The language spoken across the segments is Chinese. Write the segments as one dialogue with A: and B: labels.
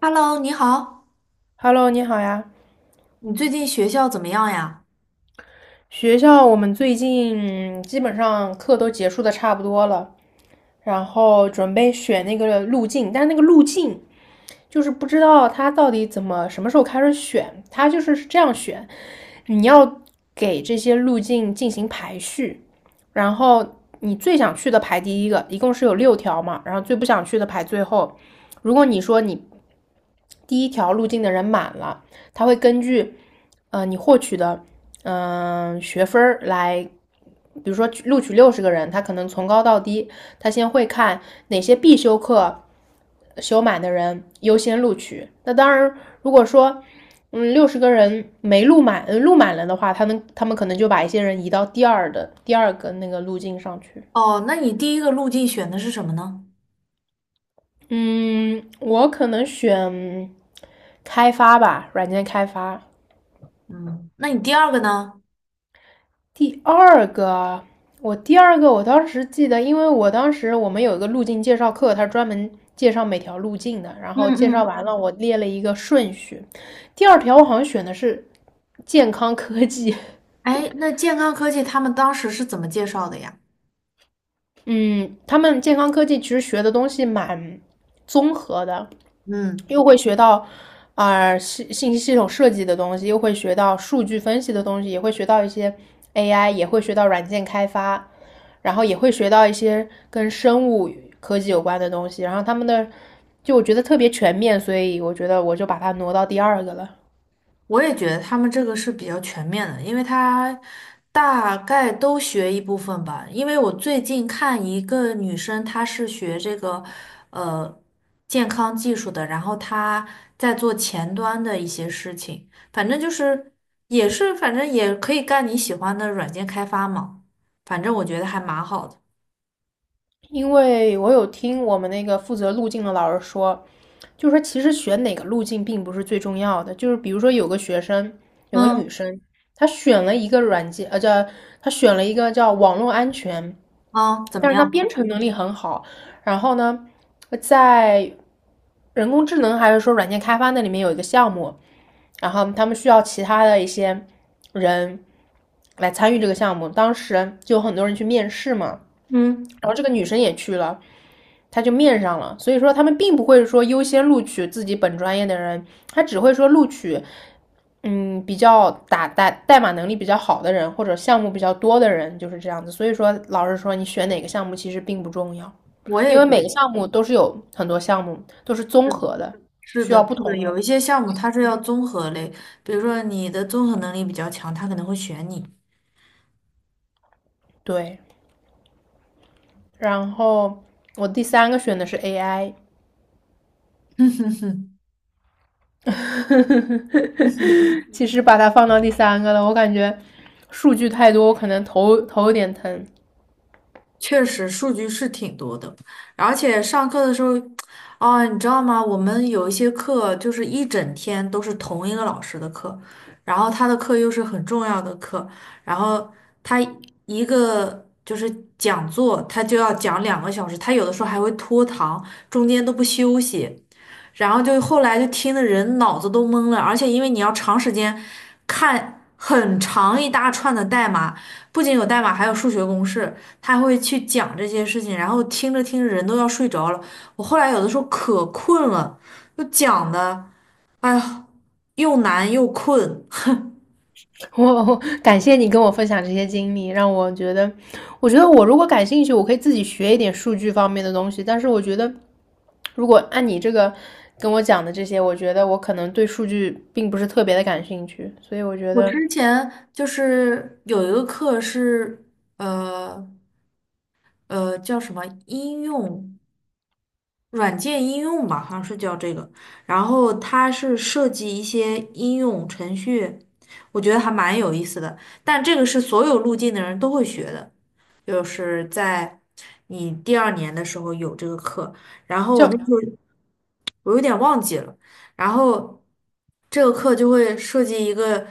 A: Hello，你好，
B: Hello，你好呀。
A: 你最近学校怎么样呀？
B: 学校我们最近基本上课都结束的差不多了，然后准备选那个路径。但是那个路径就是不知道它到底怎么什么时候开始选，它就是这样选。你要给这些路径进行排序，然后你最想去的排第一个，一共是有六条嘛，然后最不想去的排最后。如果你说你第一条路径的人满了，他会根据你获取的学分儿来。比如说录取六十个人，他可能从高到低，他先会看哪些必修课修满的人优先录取。那当然，如果说六十个人没录满，录满了的话，他们可能就把一些人移到第二个那个路径上去。
A: 哦，那你第一个路径选的是什么呢？
B: 嗯，我可能选开发吧，软件开发。
A: 嗯，那你第二个呢？
B: 第二个啊，我第二个我当时记得，因为我当时我们有一个路径介绍课，它专门介绍每条路径的，然
A: 嗯
B: 后介
A: 嗯
B: 绍完
A: 嗯。
B: 了，我列了一个顺序。第二条我好像选的是健康科技。
A: 哎，那健康科技他们当时是怎么介绍的呀？
B: 嗯，他们健康科技其实学的东西蛮综合的，
A: 嗯。
B: 又会学到信息系统设计的东西，又会学到数据分析的东西，也会学到一些 AI，也会学到软件开发，然后也会学到一些跟生物科技有关的东西。然后他们的就我觉得特别全面，所以我觉得我就把它挪到第二个了。
A: 我也觉得他们这个是比较全面的，因为他大概都学一部分吧。因为我最近看一个女生，她是学这个呃健康技术的，然后她在做前端的一些事情，反正就是也是反正也可以干你喜欢的软件开发嘛，反正我觉得还蛮好的。
B: 因为我有听我们那个负责路径的老师说，就是说，其实选哪个路径并不是最重要的。就是比如说，有个女
A: 嗯
B: 生，她选了一个软件，呃，叫她选了一个叫网络安全，
A: 嗯，怎么
B: 但是她编
A: 样？
B: 程能力很好。然后呢，在人工智能还是说软件开发那里面有一个项目，然后他们需要其他的一些人来参与这个项目。当时就有很多人去面试嘛，
A: 嗯。
B: 然后这个女生也去了，他就面上了。所以说他们并不会说优先录取自己本专业的人，他只会说录取比较打代码能力比较好的人或者项目比较多的人，就是这样子。所以说老师说你选哪个项目其实并不重要，
A: 我
B: 因
A: 也
B: 为
A: 觉得。
B: 每个项目都是有很多项目都是综合的，
A: 是
B: 需
A: 的，
B: 要不
A: 是的，
B: 同
A: 有
B: 的。
A: 一些项目它是要综合类，比如说你的综合能力比较强，他可能会选你。
B: 对。然后我第三个选的是 AI。其实把它放到第三个了，我感觉数据太多，我可能头有点疼。
A: 确实，数据是挺多的，而且上课的时候，哦，你知道吗？我们有一些课就是一整天都是同一个老师的课，然后他的课又是很重要的课，然后他一个就是讲座，他就要讲2个小时，他有的时候还会拖堂，中间都不休息。然后就后来就听的人脑子都懵了，而且因为你要长时间看很长一大串的代码，不仅有代码，还有数学公式，他会去讲这些事情，然后听着听着人都要睡着了。我后来有的时候可困了，就讲的，哎呀，又难又困。
B: 我感谢你跟我分享这些经历，让我觉得，我觉得我如果感兴趣，我可以自己学一点数据方面的东西。但是我觉得，如果按你这个跟我讲的这些，我觉得我可能对数据并不是特别的感兴趣，所以我觉
A: 我之
B: 得
A: 前就是有一个课是，呃叫什么应用。软件应用吧，好像是叫这个。然后它是设计一些应用程序，我觉得还蛮有意思的。但这个是所有路径的人都会学的，就是在你第二年的时候有这个课。然后我
B: 就
A: 那时候我有点忘记了，然后这个课就会设计一个，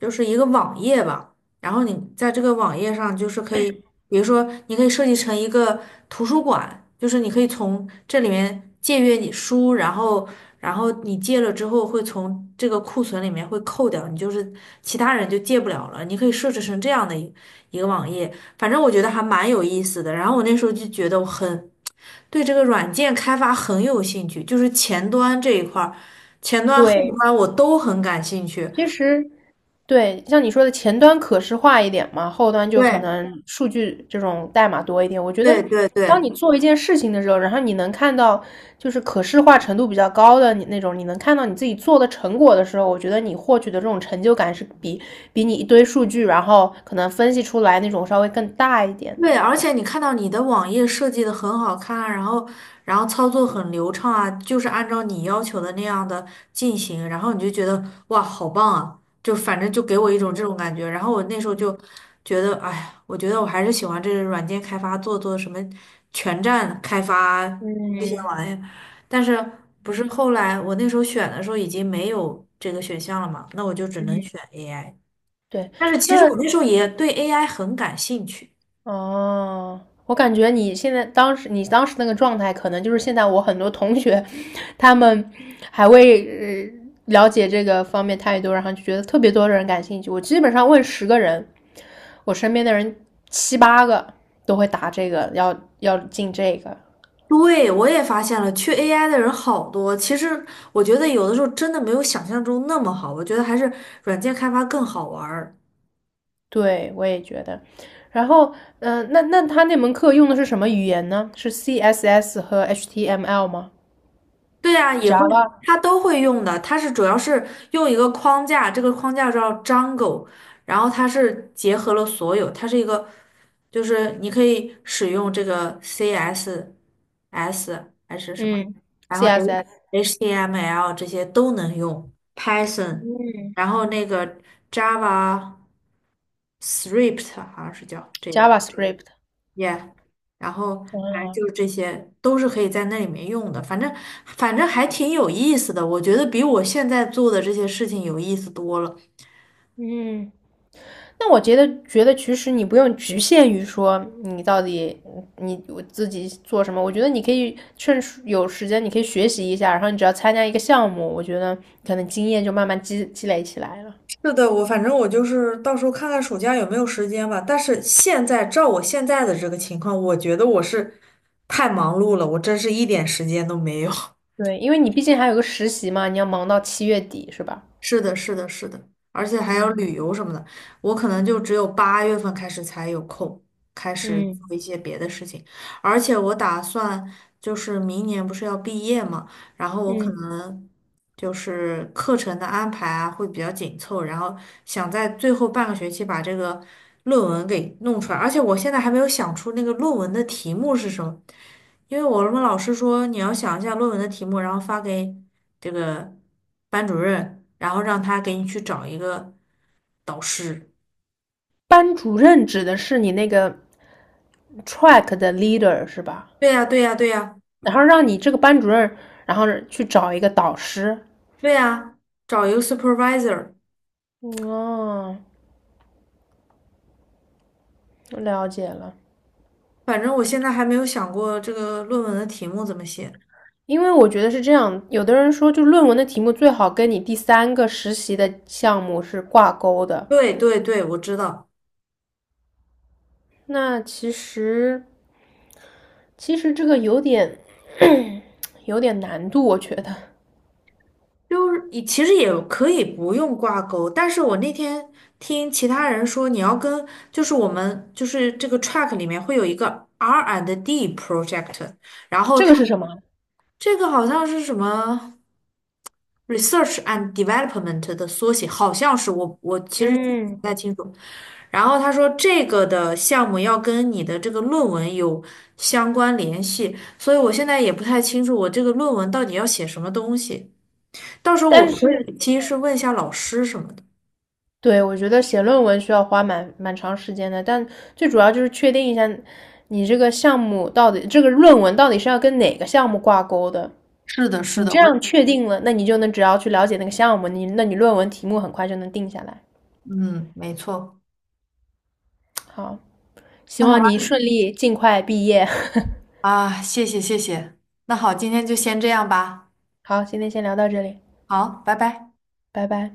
A: 就是一个网页吧。然后你在这个网页上就是可以，比如说你可以设计成一个图书馆，就是你可以从这里面借阅你书，然后你借了之后会从这个库存里面会扣掉，你就是其他人就借不了了。你可以设置成这样的一个网页，反正我觉得还蛮有意思的。然后我那时候就觉得我很对这个软件开发很有兴趣，就是前端这一块儿，前端后
B: 对。
A: 端我都很感兴趣。
B: 其实对，像你说的前端可视化一点嘛，后端就可
A: 对
B: 能数据这种代码多一点。我觉得，
A: 对对
B: 当
A: 对。
B: 你做一件事情的时候，然后你能看到就是可视化程度比较高的你那种，你能看到你自己做的成果的时候，我觉得你获取的这种成就感是比你一堆数据，然后可能分析出来那种稍微更大一点的。
A: 对，而且你看到你的网页设计的很好看啊，然后操作很流畅啊，就是按照你要求的那样的进行，然后你就觉得哇，好棒啊！就反正就给我一种这种感觉。然后我那时候就觉得，哎呀，我觉得我还是喜欢这个软件开发，做做什么全站开发这些
B: 嗯
A: 玩意儿。但是不是后来我那时候选的时候已经没有这个选项了嘛？那我就只能
B: 嗯，
A: 选 AI。
B: 对，
A: 但是其实
B: 那，
A: 我那时候也对 AI 很感兴趣。
B: 哦，我感觉你当时那个状态，可能就是现在我很多同学，他们还未了解这个方面太多，然后就觉得特别多的人感兴趣。我基本上问十个人，我身边的人七八个都会答这个，要进这个。
A: 对，我也发现了，去 AI 的人好多。其实我觉得有的时候真的没有想象中那么好，我觉得还是软件开发更好玩儿。
B: 对，我也觉得。然后，那门课用的是什么语言呢？是 CSS 和 HTML 吗
A: 对啊，也会，
B: ？Java，
A: 它都会用的。它是主要是用一个框架，这个框架叫 Django，然后它是结合了所有，它是一个，就是你可以使用这个 CSS 还是什么，
B: 嗯
A: 然后
B: ，CSS，
A: HTML 这些都能用，Python，
B: 嗯
A: 然后那个 Java。Thrift 好像是叫这个
B: ，JavaScript，
A: ，yeah，然后反正
B: 嗯。
A: 就是这些都是可以在那里面用的，反正还挺有意思的，我觉得比我现在做的这些事情有意思多了。
B: 嗯，那我觉得，其实你不用局限于说你到底你我自己做什么，我觉得你可以趁时有时间，你可以学习一下，然后你只要参加一个项目，我觉得可能经验就慢慢积累起来了。
A: 是的，我反正我就是到时候看看暑假有没有时间吧。但是现在照我现在的这个情况，我觉得我是太忙碌了，我真是一点时间都没有。
B: 对，因为你毕竟还有个实习嘛，你要忙到7月底，是吧？
A: 是的，是的，是的，而且还有
B: 嗯
A: 旅游什么的，我可能就只有8月份开始才有空，开始做
B: 嗯
A: 一些别的事情。而且我打算就是明年不是要毕业嘛，然后我可
B: 嗯，
A: 能就是课程的安排啊会比较紧凑，然后想在最后半个学期把这个论文给弄出来。而且我现在还没有想出那个论文的题目是什么，因为我们老师说你要想一下论文的题目，然后发给这个班主任，然后让他给你去找一个导师。
B: 班主任指的是你那个 track 的 leader 是吧？
A: 对呀，对呀，对呀，
B: 然后让你这个班主任，然后去找一个导师。
A: 对呀，找一个 supervisor。
B: 嗯，哦，了解了。
A: 反正我现在还没有想过这个论文的题目怎么写。
B: 因为我觉得是这样，有的人说，就论文的题目最好跟你第三个实习的项目是挂钩的。
A: 对对对，我知道，
B: 那其实，其实这个有点 有点难度，我觉得
A: 就是你其实也可以不用挂钩，但是我那天听其他人说，你要跟就是我们就是这个 track 里面会有一个 R&D project。然后
B: 这
A: 他。
B: 个是什么？
A: 这个好像是什么 research and development 的缩写，好像是我其实记
B: 嗯，
A: 不太清楚。然后他说这个的项目要跟你的这个论文有相关联系，所以我现在也不太清楚我这个论文到底要写什么东西。到时候我
B: 但
A: 可
B: 是
A: 以其实问一下老师什么的。
B: 对，我觉得写论文需要花蛮长时间的。但最主要就是确定一下你这个项目到底，这个论文到底是要跟哪个项目挂钩的。
A: 是的，是
B: 你
A: 的，
B: 这
A: 我
B: 样确定了，那你就能只要去了解那个项目，那你论文题目很快就能定下来。
A: 嗯，没错。
B: 好，希
A: 那好
B: 望
A: 吧，
B: 你顺利尽快毕业。
A: 啊，谢谢谢谢。那好，今天就先这样吧。
B: 好，今天先聊到这里，
A: 好，拜拜。
B: 拜拜。